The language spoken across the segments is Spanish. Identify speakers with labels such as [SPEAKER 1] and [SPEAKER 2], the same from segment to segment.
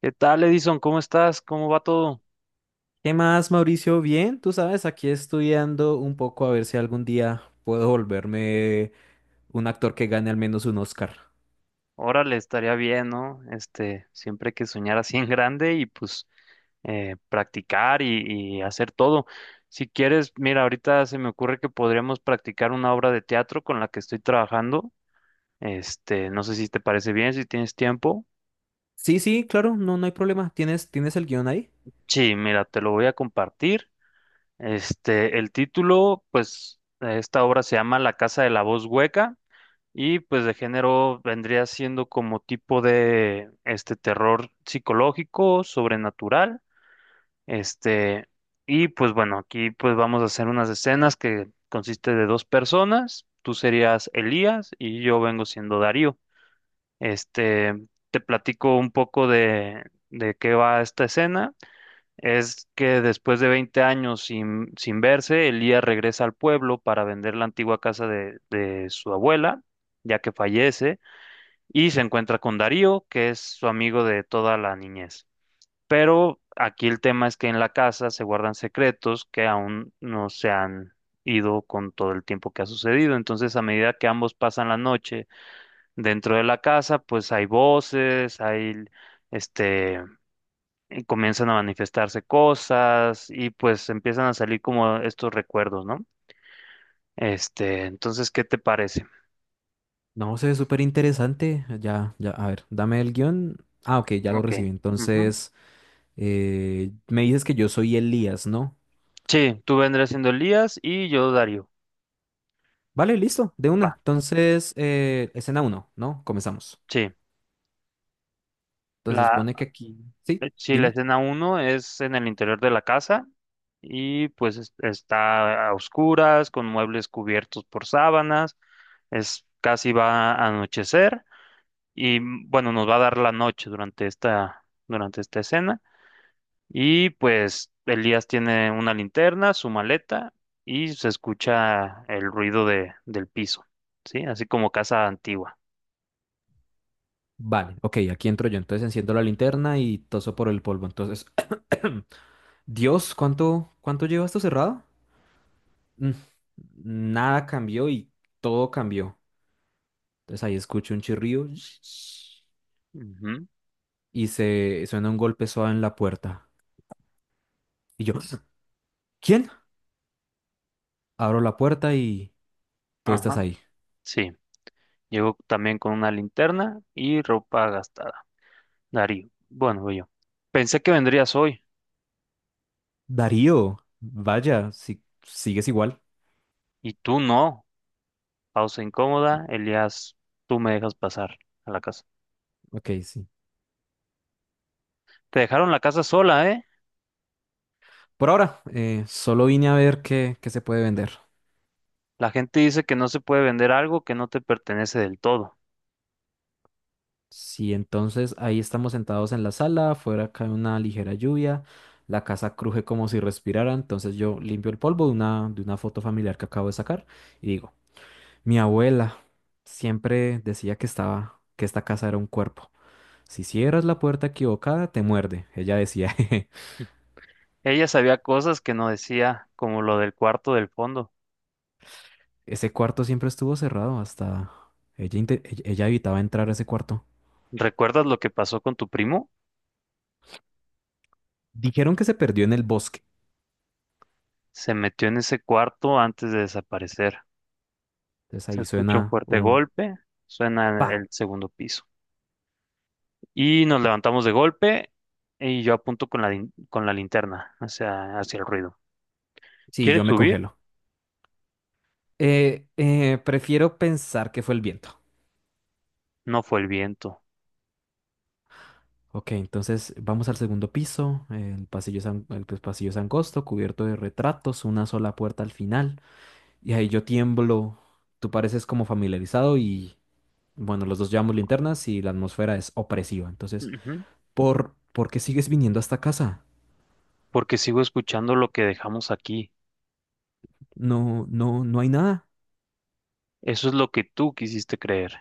[SPEAKER 1] ¿Qué tal, Edison? ¿Cómo estás? ¿Cómo va todo?
[SPEAKER 2] ¿Qué más, Mauricio? Bien, tú sabes, aquí estudiando un poco a ver si algún día puedo volverme un actor que gane al menos un Oscar.
[SPEAKER 1] Órale, estaría bien, ¿no? Siempre hay que soñar así en grande y pues practicar y hacer todo. Si quieres, mira, ahorita se me ocurre que podríamos practicar una obra de teatro con la que estoy trabajando. No sé si te parece bien, si tienes tiempo.
[SPEAKER 2] Sí, sí, claro, no, no hay problema. ¿Tienes el guión ahí?
[SPEAKER 1] Sí, mira, te lo voy a compartir. El título, pues, de esta obra se llama La Casa de la Voz Hueca. Y pues de género vendría siendo como tipo de este terror psicológico, sobrenatural, este, y pues bueno, aquí pues vamos a hacer unas escenas que consiste de dos personas, tú serías Elías y yo vengo siendo Darío. Este, Te platico un poco de qué va esta escena. Es que después de 20 años sin verse, Elías regresa al pueblo para vender la antigua casa de su abuela ya que fallece, y se encuentra con Darío, que es su amigo de toda la niñez. Pero aquí el tema es que en la casa se guardan secretos que aún no se han ido con todo el tiempo que ha sucedido. Entonces, a medida que ambos pasan la noche dentro de la casa, pues hay voces, hay este, y comienzan a manifestarse cosas y pues empiezan a salir como estos recuerdos, ¿no? Entonces, ¿qué te parece?
[SPEAKER 2] No, se ve súper interesante. Ya, ya, a ver, dame el guión. Ah, ok, ya lo
[SPEAKER 1] Ok.
[SPEAKER 2] recibí.
[SPEAKER 1] Ujú.
[SPEAKER 2] Entonces, me dices que yo soy Elías, ¿no?
[SPEAKER 1] Sí, tú vendrás siendo Elías y yo Darío.
[SPEAKER 2] Vale, listo, de una.
[SPEAKER 1] Va.
[SPEAKER 2] Entonces, escena uno, ¿no? Comenzamos.
[SPEAKER 1] Sí,
[SPEAKER 2] Entonces,
[SPEAKER 1] la,
[SPEAKER 2] pone que aquí... Sí,
[SPEAKER 1] sí, la
[SPEAKER 2] dime.
[SPEAKER 1] escena uno es en el interior de la casa y pues está a oscuras, con muebles cubiertos por sábanas, es casi va a anochecer y bueno, nos va a dar la noche durante esta escena y pues Elías tiene una linterna, su maleta y se escucha el ruido del piso, ¿sí? Así como casa antigua.
[SPEAKER 2] Vale, ok, aquí entro yo. Entonces enciendo la linterna y toso por el polvo. Entonces, Dios, ¿cuánto lleva esto cerrado? Mm, Nada cambió y todo cambió. Entonces ahí escucho un chirrío
[SPEAKER 1] Ujú.
[SPEAKER 2] y se suena un golpe suave en la puerta. Y yo, ¿quién? Abro la puerta y tú estás
[SPEAKER 1] Ajá,
[SPEAKER 2] ahí.
[SPEAKER 1] sí. Llegó también con una linterna y ropa gastada. Darío. Bueno, yo. Pensé que vendrías hoy
[SPEAKER 2] Darío, vaya, si sigues igual.
[SPEAKER 1] y tú no. Pausa
[SPEAKER 2] Mm,
[SPEAKER 1] incómoda. Elías, tú me dejas pasar a la casa.
[SPEAKER 2] ok, sí.
[SPEAKER 1] Te dejaron la casa sola, ¿eh?
[SPEAKER 2] Por ahora, solo vine a ver qué se puede vender.
[SPEAKER 1] La gente dice que no se puede vender algo que no te pertenece del todo.
[SPEAKER 2] Sí, entonces ahí estamos sentados en la sala, afuera cae una ligera lluvia, la casa cruje como si respirara, entonces yo limpio el polvo de una foto familiar que acabo de sacar y digo, mi abuela siempre decía que esta casa era un cuerpo. Si cierras la puerta equivocada, te muerde. Ella decía, "Jeje".
[SPEAKER 1] Ella sabía cosas que no decía, como lo del cuarto del fondo.
[SPEAKER 2] Ese cuarto siempre estuvo cerrado hasta ella, ella evitaba entrar a ese cuarto.
[SPEAKER 1] ¿Recuerdas lo que pasó con tu primo?
[SPEAKER 2] Dijeron que se perdió en el bosque.
[SPEAKER 1] Se metió en ese cuarto antes de desaparecer.
[SPEAKER 2] Entonces
[SPEAKER 1] Se
[SPEAKER 2] ahí
[SPEAKER 1] escucha un
[SPEAKER 2] suena
[SPEAKER 1] fuerte
[SPEAKER 2] un
[SPEAKER 1] golpe. Suena en
[SPEAKER 2] pa.
[SPEAKER 1] el segundo piso. Y nos levantamos de golpe y yo apunto con la linterna hacia el ruido.
[SPEAKER 2] Sí,
[SPEAKER 1] ¿Quieres
[SPEAKER 2] yo me
[SPEAKER 1] subir?
[SPEAKER 2] congelo. Prefiero pensar que fue el viento.
[SPEAKER 1] No fue el viento.
[SPEAKER 2] Ok, entonces vamos al segundo piso. El pasillo es, an- el pues, pasillo es angosto, cubierto de retratos, una sola puerta al final. Y ahí yo tiemblo. Tú pareces como familiarizado y, bueno, los dos llevamos linternas y la atmósfera es opresiva. Entonces,
[SPEAKER 1] Ujú.
[SPEAKER 2] ¿por qué sigues viniendo a esta casa?
[SPEAKER 1] Porque sigo escuchando lo que dejamos aquí.
[SPEAKER 2] No, no, no hay nada.
[SPEAKER 1] Eso es lo que tú quisiste creer.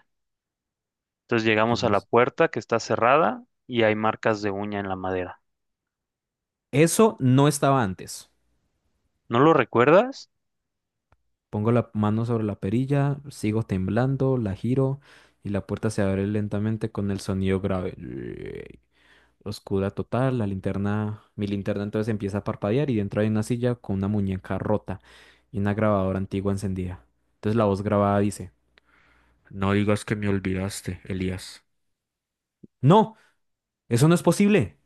[SPEAKER 1] Entonces llegamos a la
[SPEAKER 2] Llegamos.
[SPEAKER 1] puerta que está cerrada y hay marcas de uña en la madera.
[SPEAKER 2] Eso no estaba antes.
[SPEAKER 1] ¿No lo recuerdas?
[SPEAKER 2] Pongo la mano sobre la perilla, sigo temblando, la giro y la puerta se abre lentamente con el sonido grave. Oscura total, mi linterna entonces empieza a parpadear y dentro hay una silla con una muñeca rota y una grabadora antigua encendida. Entonces la voz grabada dice, no digas que me olvidaste, Elías. ¡No! ¡Eso no es posible!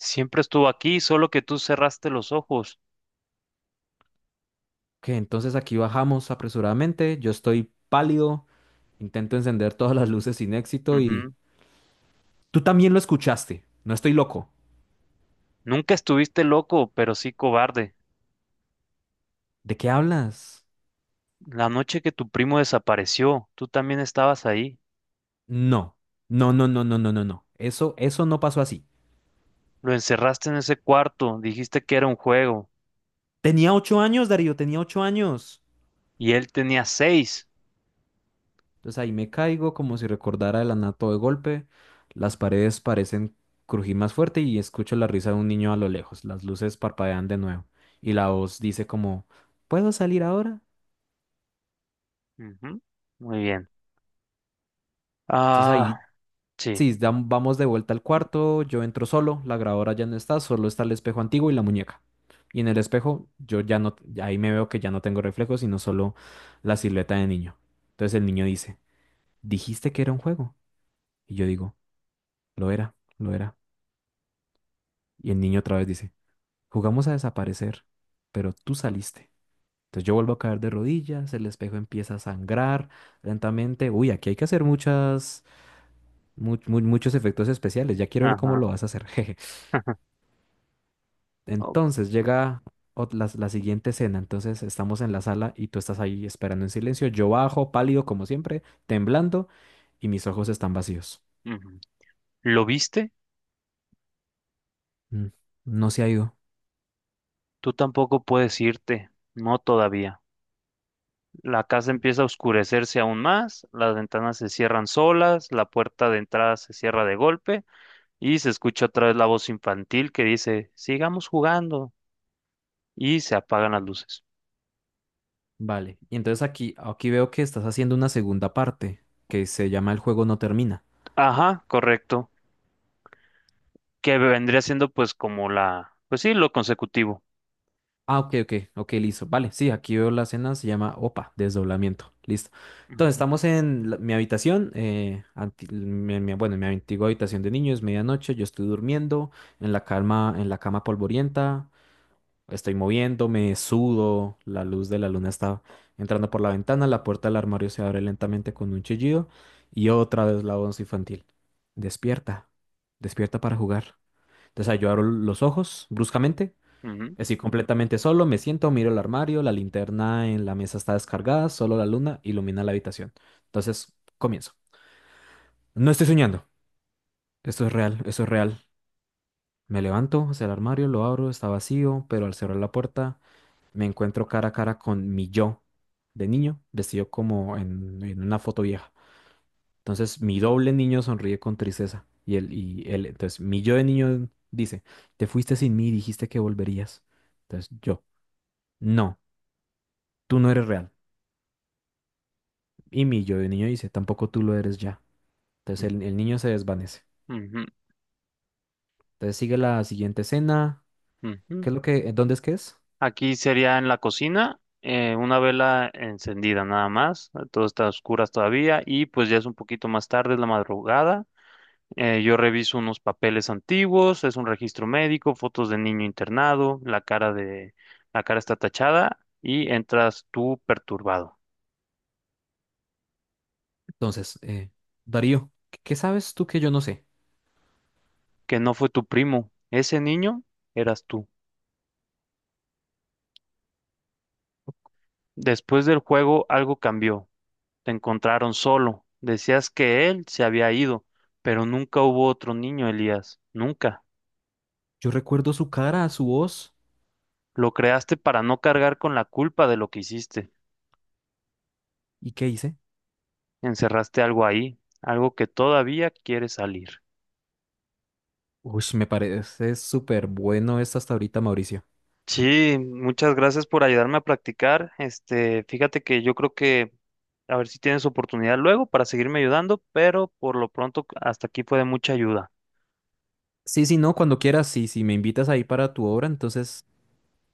[SPEAKER 1] Siempre estuvo aquí, solo que tú cerraste los ojos.
[SPEAKER 2] Que entonces aquí bajamos apresuradamente, yo estoy pálido, intento encender todas las luces sin éxito y.
[SPEAKER 1] Ujú.
[SPEAKER 2] Tú también lo escuchaste, no estoy loco.
[SPEAKER 1] Nunca estuviste loco, pero sí cobarde.
[SPEAKER 2] ¿De qué hablas?
[SPEAKER 1] La noche que tu primo desapareció, tú también estabas ahí.
[SPEAKER 2] No, no, no, no, no, no, no, no. Eso no pasó así.
[SPEAKER 1] Lo encerraste en ese cuarto, dijiste que era un juego
[SPEAKER 2] Tenía ocho años, Darío, tenía ocho años.
[SPEAKER 1] y él tenía seis.
[SPEAKER 2] Entonces ahí me caigo como si recordara el anato de golpe. Las paredes parecen crujir más fuerte y escucho la risa de un niño a lo lejos. Las luces parpadean de nuevo y la voz dice como, ¿puedo salir ahora?
[SPEAKER 1] Ujú. Muy bien.
[SPEAKER 2] Entonces
[SPEAKER 1] Ah,
[SPEAKER 2] ahí
[SPEAKER 1] sí.
[SPEAKER 2] sí, vamos de vuelta al cuarto, yo entro solo, la grabadora ya no está, solo está el espejo antiguo y la muñeca. Y en el espejo yo ya no, ahí me veo que ya no tengo reflejos, sino solo la silueta de niño. Entonces el niño dice, dijiste que era un juego. Y yo digo, lo era, lo era. Y el niño otra vez dice, jugamos a desaparecer, pero tú saliste. Entonces yo vuelvo a caer de rodillas, el espejo empieza a sangrar lentamente. Uy, aquí hay que hacer muchos efectos especiales, ya quiero ver cómo
[SPEAKER 1] Ajá.
[SPEAKER 2] lo vas a hacer.
[SPEAKER 1] Oh,
[SPEAKER 2] Entonces llega la siguiente escena. Entonces estamos en la sala y tú estás ahí esperando en silencio. Yo bajo, pálido como siempre, temblando y mis ojos están vacíos.
[SPEAKER 1] ujú. ¿Lo viste?
[SPEAKER 2] Mm, no se ha ido.
[SPEAKER 1] Tú tampoco puedes irte. No todavía. La casa empieza a oscurecerse aún más, las ventanas se cierran solas, la puerta de entrada se cierra de golpe y se escucha otra vez la voz infantil que dice, sigamos jugando y se apagan las luces.
[SPEAKER 2] Vale. Y entonces aquí veo que estás haciendo una segunda parte que se llama El juego no termina.
[SPEAKER 1] Ajá, correcto. Que vendría siendo pues como pues sí, lo consecutivo.
[SPEAKER 2] Ah, ok, ok, ok, listo. Vale, sí, aquí veo la escena, se llama OPA, desdoblamiento. Listo. Entonces, estamos mi habitación, bueno, en mi antigua habitación de niños, medianoche, yo estoy durmiendo en la cama polvorienta, estoy moviéndome, sudo, la luz de la luna está entrando por la ventana, la puerta del armario se abre lentamente con un chillido y otra vez la voz infantil. Despierta, despierta para jugar. Entonces, ahí yo abro los ojos bruscamente.
[SPEAKER 1] Ujú,
[SPEAKER 2] Estoy completamente solo, me siento, miro el armario, la linterna en la mesa está descargada, solo la luna ilumina la habitación. Entonces, comienzo. No estoy soñando, esto es real, esto es real. Me levanto hacia el armario, lo abro, está vacío, pero al cerrar la puerta me encuentro cara a cara con mi yo de niño, vestido como en una foto vieja. Entonces, mi doble niño sonríe con tristeza entonces, mi yo de niño dice, te fuiste sin mí, dijiste que volverías. Entonces, yo, no, tú no eres real. Y mi yo de niño dice, tampoco tú lo eres ya. Entonces el niño se desvanece.
[SPEAKER 1] ujú,
[SPEAKER 2] Entonces sigue la siguiente escena.
[SPEAKER 1] ujú.
[SPEAKER 2] ¿Qué es lo que, dónde es que es?
[SPEAKER 1] Aquí sería en la cocina, una vela encendida nada más, todo está a oscuras todavía y pues ya es un poquito más tarde, es la madrugada. Yo reviso unos papeles antiguos, es un registro médico, fotos de niño internado, la cara está tachada y entras tú perturbado,
[SPEAKER 2] Entonces, Darío, ¿qué sabes tú que yo no sé?
[SPEAKER 1] que no fue tu primo, ese niño eras tú. Después del juego algo cambió. Te encontraron solo. Decías que él se había ido, pero nunca hubo otro niño, Elías. Nunca.
[SPEAKER 2] Yo recuerdo su cara, su voz.
[SPEAKER 1] Lo creaste para no cargar con la culpa de lo que hiciste.
[SPEAKER 2] ¿Y qué hice?
[SPEAKER 1] Encerraste algo ahí, algo que todavía quiere salir.
[SPEAKER 2] Uy, me parece súper bueno esto hasta ahorita, Mauricio.
[SPEAKER 1] Sí, muchas gracias por ayudarme a practicar. Fíjate que yo creo que a ver si tienes oportunidad luego para seguirme ayudando, pero por lo pronto hasta aquí fue de mucha ayuda.
[SPEAKER 2] Sí, sí, no, cuando quieras, sí, si me invitas ahí para tu obra, entonces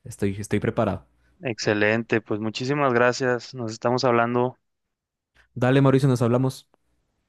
[SPEAKER 2] estoy preparado.
[SPEAKER 1] Excelente, pues muchísimas gracias. Nos estamos hablando.
[SPEAKER 2] Dale, Mauricio, nos hablamos.